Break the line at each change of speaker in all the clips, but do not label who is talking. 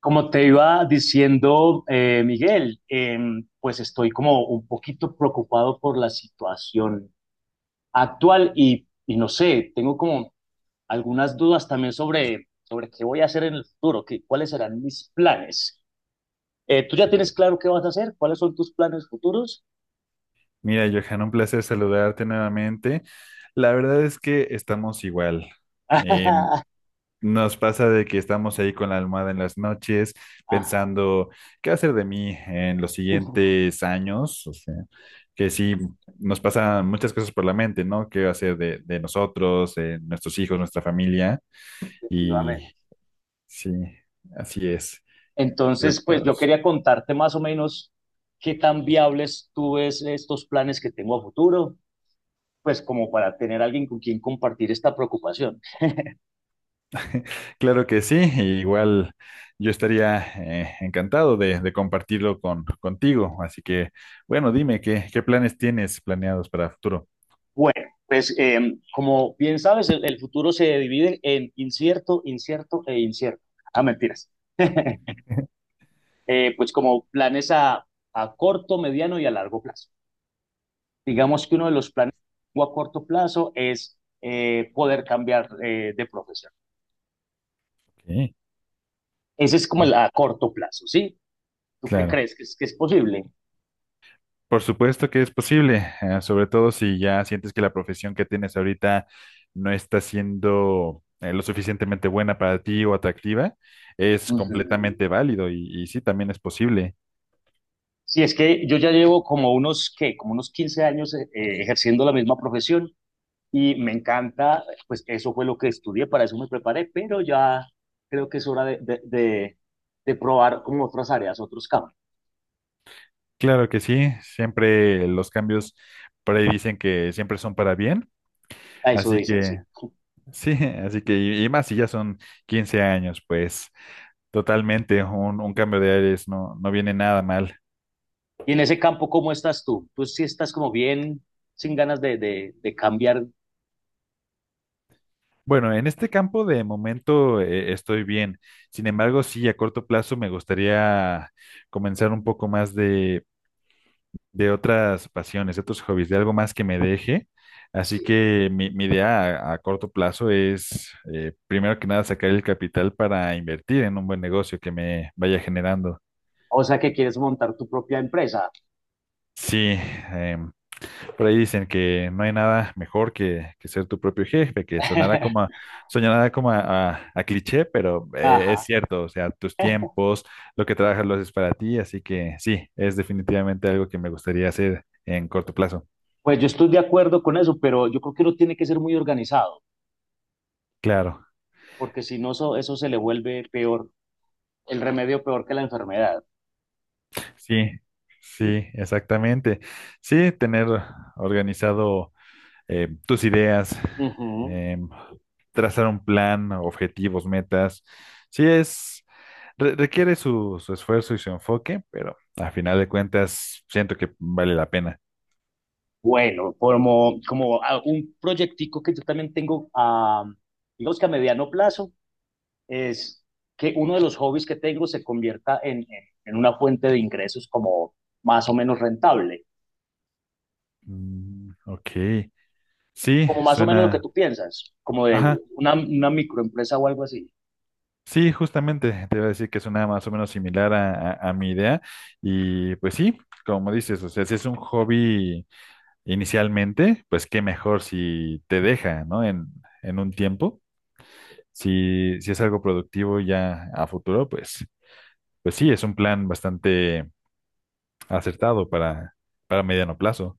Como te iba diciendo, Miguel, pues estoy como un poquito preocupado por la situación actual y no sé, tengo como algunas dudas también sobre qué voy a hacer en el futuro, cuáles serán mis planes. ¿Tú ya tienes claro qué vas a hacer? ¿Cuáles son tus planes futuros?
Mira, Johan, un placer saludarte nuevamente. La verdad es que estamos igual. Eh, Nos pasa de que estamos ahí con la almohada en las noches,
Ajá,
pensando qué hacer de mí en los siguientes años. O sea, que sí, nos pasan muchas cosas por la mente, ¿no? ¿Qué hacer de nosotros, de nuestros hijos, nuestra familia? Y
efectivamente.
sí, así es,
Entonces, pues yo
preocupados.
quería contarte más o menos qué tan viables tú ves estos planes que tengo a futuro, pues como para tener alguien con quien compartir esta preocupación.
Claro que sí, e igual yo estaría encantado de compartirlo con, contigo. Así que, bueno, dime, qué planes tienes planeados para futuro?
Bueno, pues como bien sabes, el futuro se divide en incierto, incierto e incierto. Ah, mentiras. Pues como planes a, corto, mediano y a largo plazo. Digamos que uno de los planes a corto plazo es poder cambiar de profesión.
Sí,
Ese es como el a corto plazo, ¿sí? ¿Tú qué
claro.
crees que es, posible?
Por supuesto que es posible, sobre todo si ya sientes que la profesión que tienes ahorita no está siendo lo suficientemente buena para ti o atractiva, es
Uh -huh.
completamente válido y sí, también es posible.
Sí, es que yo ya llevo como unos, ¿qué? Como unos 15 años ejerciendo la misma profesión, y me encanta, pues eso fue lo que estudié, para eso me preparé, pero ya creo que es hora de probar como otras áreas, otros campos.
Claro que sí, siempre los cambios por ahí dicen que siempre son para bien,
A eso
así
dicen,
que...
sí.
Sí, así que, y más si ya son 15 años, pues totalmente un cambio de aires no, no viene nada mal.
Y en ese campo, ¿cómo estás tú? Tú sí estás como bien, sin ganas de cambiar.
Bueno, en este campo de momento estoy bien. Sin embargo, sí, a corto plazo me gustaría comenzar un poco más de otras pasiones, de otros hobbies, de algo más que me deje. Así
Sí.
que mi idea a corto plazo es, primero que nada, sacar el capital para invertir en un buen negocio que me vaya generando.
O sea, que quieres montar tu propia empresa.
Sí, em, por ahí dicen que no hay nada mejor que ser tu propio jefe, que sonará como a, a cliché, pero es
Ajá.
cierto, o sea, tus tiempos, lo que trabajas lo haces para ti, así que sí, es definitivamente algo que me gustaría hacer en corto plazo.
Pues yo estoy de acuerdo con eso, pero yo creo que uno tiene que ser muy organizado,
Claro,
porque si no, eso se le vuelve peor, el remedio peor que la enfermedad.
sí, sí, exactamente. Sí, tener organizado. Tus ideas,
Ujú.
eh, trazar un plan, objetivos, metas. Sí es, requiere su esfuerzo y su enfoque, pero a final de cuentas siento que vale la pena.
Bueno, como un proyectico que yo también tengo, digamos que a mediano plazo, es que uno de los hobbies que tengo se convierta en una fuente de ingresos como más o menos rentable,
Mm, ok, sí,
como más o menos lo que
suena,
tú piensas, como de
ajá,
una microempresa o algo así.
sí, justamente te iba a decir que suena más o menos similar a, a mi idea y pues sí, como dices, o sea, si es un hobby inicialmente, pues qué mejor si te deja, ¿no? En un tiempo. Si, si es algo productivo ya a futuro, pues, pues sí, es un plan bastante acertado para mediano plazo.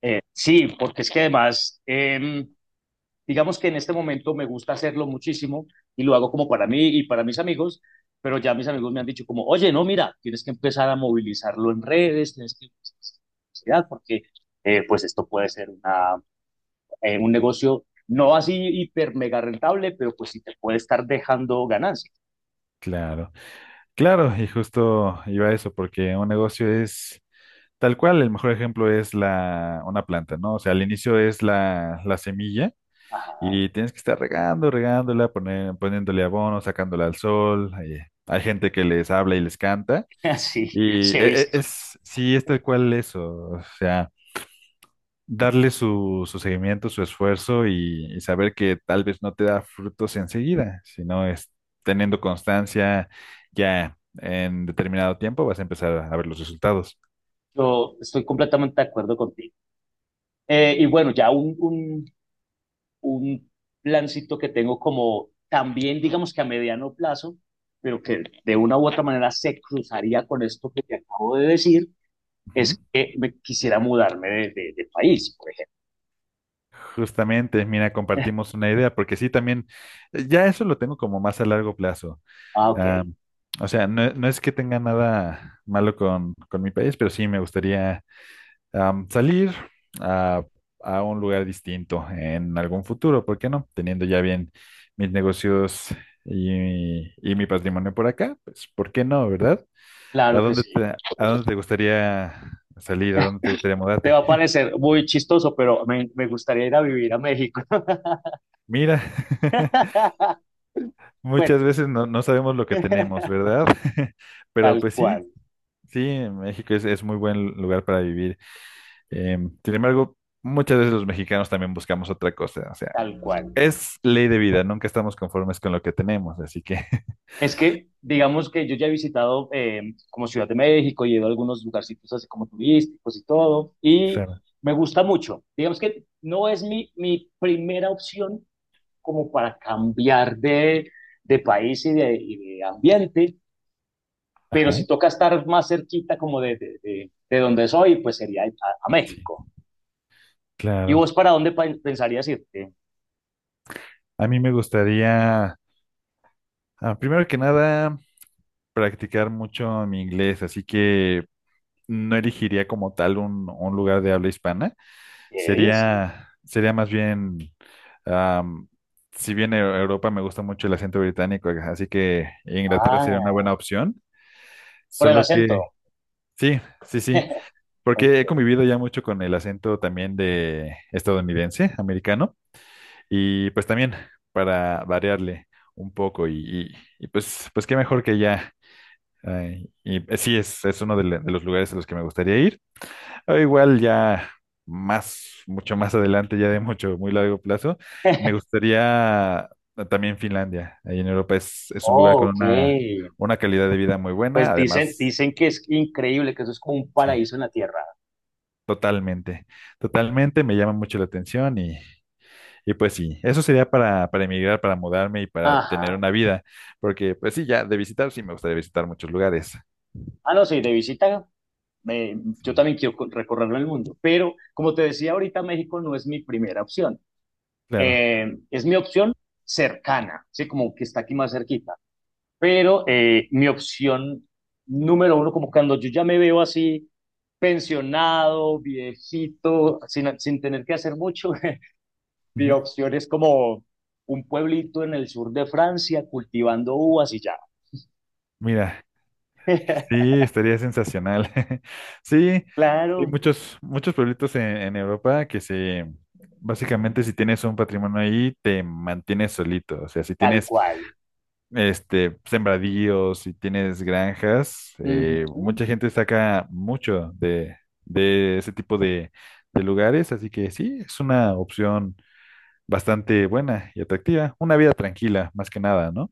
Sí, porque es que además, digamos que en este momento me gusta hacerlo muchísimo y lo hago como para mí y para mis amigos, pero ya mis amigos me han dicho como, oye, no, mira, tienes que empezar a movilizarlo en redes, tienes que empezar a hacer publicidad, porque pues esto puede ser un negocio no así hiper mega rentable, pero pues sí te puede estar dejando ganancias.
Claro, claro, y justo iba a eso, porque un negocio es tal cual, el mejor ejemplo es la, una planta, ¿no? O sea, al inicio es la semilla
Ajá,
y tienes que estar regando, regándola, poniéndole abono, sacándola al sol. Hay gente que les habla y les canta.
así,
Y
se ha visto.
es, sí, es tal cual eso. O sea, darle su, su seguimiento, su esfuerzo y saber que tal vez no te da frutos enseguida, sino es teniendo constancia ya en determinado tiempo vas a empezar a ver los resultados.
Yo estoy completamente de acuerdo contigo. Y bueno, ya un plancito que tengo como también, digamos que a mediano plazo, pero que de una u otra manera se cruzaría con esto que te acabo de decir,
Ujú.
es que me quisiera mudarme de país, por ejemplo.
Justamente, mira, compartimos una idea, porque sí, también, ya eso lo tengo como más a largo plazo.
Ah, ok,
Ah, o sea, no, no es que tenga nada malo con mi país, pero sí me gustaría salir a, a un lugar distinto en algún futuro, ¿por qué no? Teniendo ya bien mis negocios y mi patrimonio por acá, pues ¿por qué no, verdad?
claro que sí.
A dónde te gustaría salir? ¿A dónde te gustaría
Te
mudarte?
va a parecer muy chistoso, pero me gustaría ir a vivir a México.
Mira,
Bueno,
muchas veces no, no sabemos lo que tenemos, ¿verdad? Pero
tal
pues sí,
cual,
sí, México es muy buen lugar para vivir. Em, sin embargo, muchas veces los mexicanos también buscamos otra cosa, o sea,
tal cual.
es ley de vida, nunca estamos conformes con lo que tenemos, así que,
Es que, digamos que yo ya he visitado como Ciudad de México, y he ido a algunos lugarcitos así como turísticos y todo, y
claro,
me gusta mucho. Digamos que no es mi primera opción como para cambiar de país y de ambiente, pero
ajá,
si toca estar más cerquita como de donde soy, pues sería a México. ¿Y
claro.
vos para dónde pensarías irte?
A mí me gustaría, ah, primero que nada, practicar mucho mi inglés, así que no elegiría como tal un lugar de habla hispana.
¿Qué dices?
Sería, sería más bien, am, si bien en Europa me gusta mucho el acento británico, así que Inglaterra sería una
Ah,
buena opción.
por el
Solo
acento.
que, sí, sí, sí.
Ok.
Porque he convivido ya mucho con el acento también de estadounidense, americano, y pues también para variarle un poco y, pues, pues qué mejor que ya. Ay, y sí, es uno de, de los lugares a los que me gustaría ir. O igual ya más, mucho más adelante, ya de mucho, muy largo plazo, me gustaría también Finlandia. Ahí en Europa es un lugar
Oh,
con
ok.
una calidad de vida muy buena,
Pues dicen,
además,
dicen que es increíble, que eso es como un
sí.
paraíso en la tierra.
Totalmente, totalmente, me llama mucho la atención y pues sí, eso sería para emigrar, para mudarme y para
Ajá.
tener una vida, porque pues sí, ya de visitar, sí me gustaría visitar muchos lugares.
Ah, no, sí, de visita. eh,
Sí,
yo también quiero recorrerlo el mundo, pero como te decía ahorita, México no es mi primera opción.
claro.
Eh, es mi opción cercana, sí, como que está aquí más cerquita. Pero mi opción número uno, como cuando yo ya me veo así, pensionado, viejito, sin tener que hacer mucho, mi
Ujú.
opción es como un pueblito en el sur de Francia cultivando uvas y ya.
Mira, sí, estaría sensacional. Sí, hay
Claro,
muchos, muchos pueblitos en Europa que se, básicamente si tienes un patrimonio ahí, te mantienes solito, o sea, si
tal
tienes
cual.
este, sembradíos y tienes granjas,
Ujú.
mucha gente saca mucho de ese tipo de lugares, así que sí, es una opción bastante buena y atractiva, una vida tranquila, más que nada, ¿no?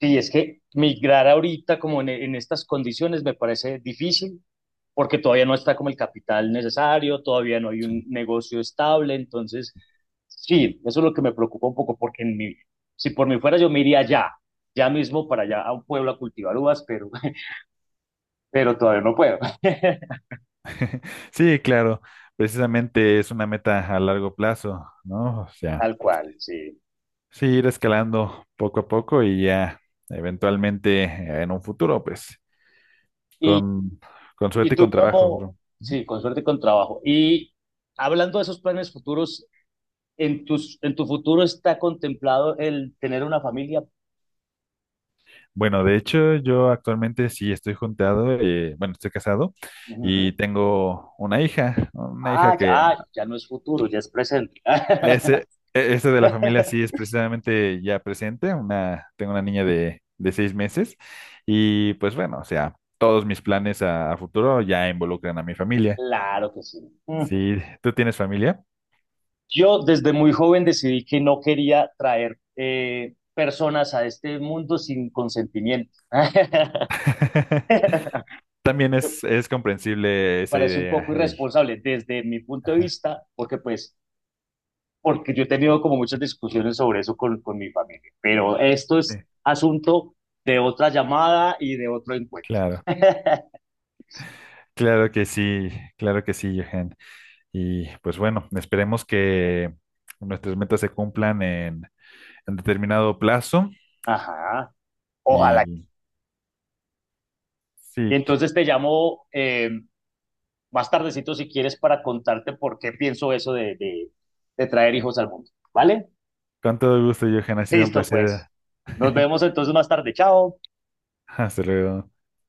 Sí, es que migrar ahorita como en estas condiciones me parece difícil porque todavía no está como el capital necesario, todavía no hay un negocio estable, entonces sí, eso es lo que me preocupa un poco porque en mí, si por mí fuera yo me iría ya, ya mismo para allá a un pueblo a cultivar uvas, pero pero todavía no puedo.
Sí, claro, precisamente es una meta a largo plazo, ¿no? O sea,
Tal cual, sí.
sí, ir escalando poco a poco y ya eventualmente en un futuro, pues,
Y,
con, con suerte
y
y
tú
con trabajo,
como,
bro.
sí, con suerte y con trabajo. Y hablando de esos planes futuros, en tus, en tu futuro está contemplado el tener una familia.
Bueno, de hecho, yo actualmente sí estoy juntado, bueno, estoy casado y
Ujú.
tengo una hija
Ah, ya,
que
ya no es futuro, ya es presente.
ese, ese de la familia sí es precisamente ya presente, una, tengo una niña de 6 meses y pues bueno, o sea, todos mis planes a futuro ya involucran a mi familia.
Claro que sí. Mm.
Sí, ¿tú tienes familia?
Yo desde muy joven decidí que no quería traer personas a este mundo sin consentimiento.
También es comprensible esa
Parece un
idea.
poco
Ey,
irresponsable desde mi punto de
ajá,
vista, porque pues, porque yo he tenido como muchas discusiones sobre eso con mi familia, pero esto
sí,
es asunto de otra llamada y de otro encuentro.
claro, claro que sí, claro que sí, Johan. Y pues bueno, esperemos que nuestras metas se cumplan en determinado plazo.
Ajá, ojalá.
Y
Y
sí,
entonces te llamo más tardecito si quieres para contarte por qué pienso eso de, de traer hijos al mundo. ¿Vale?
con todo gusto, Johan, ha sido un
Listo,
placer.
pues. Nos vemos entonces más tarde. Chao.
Hasta luego.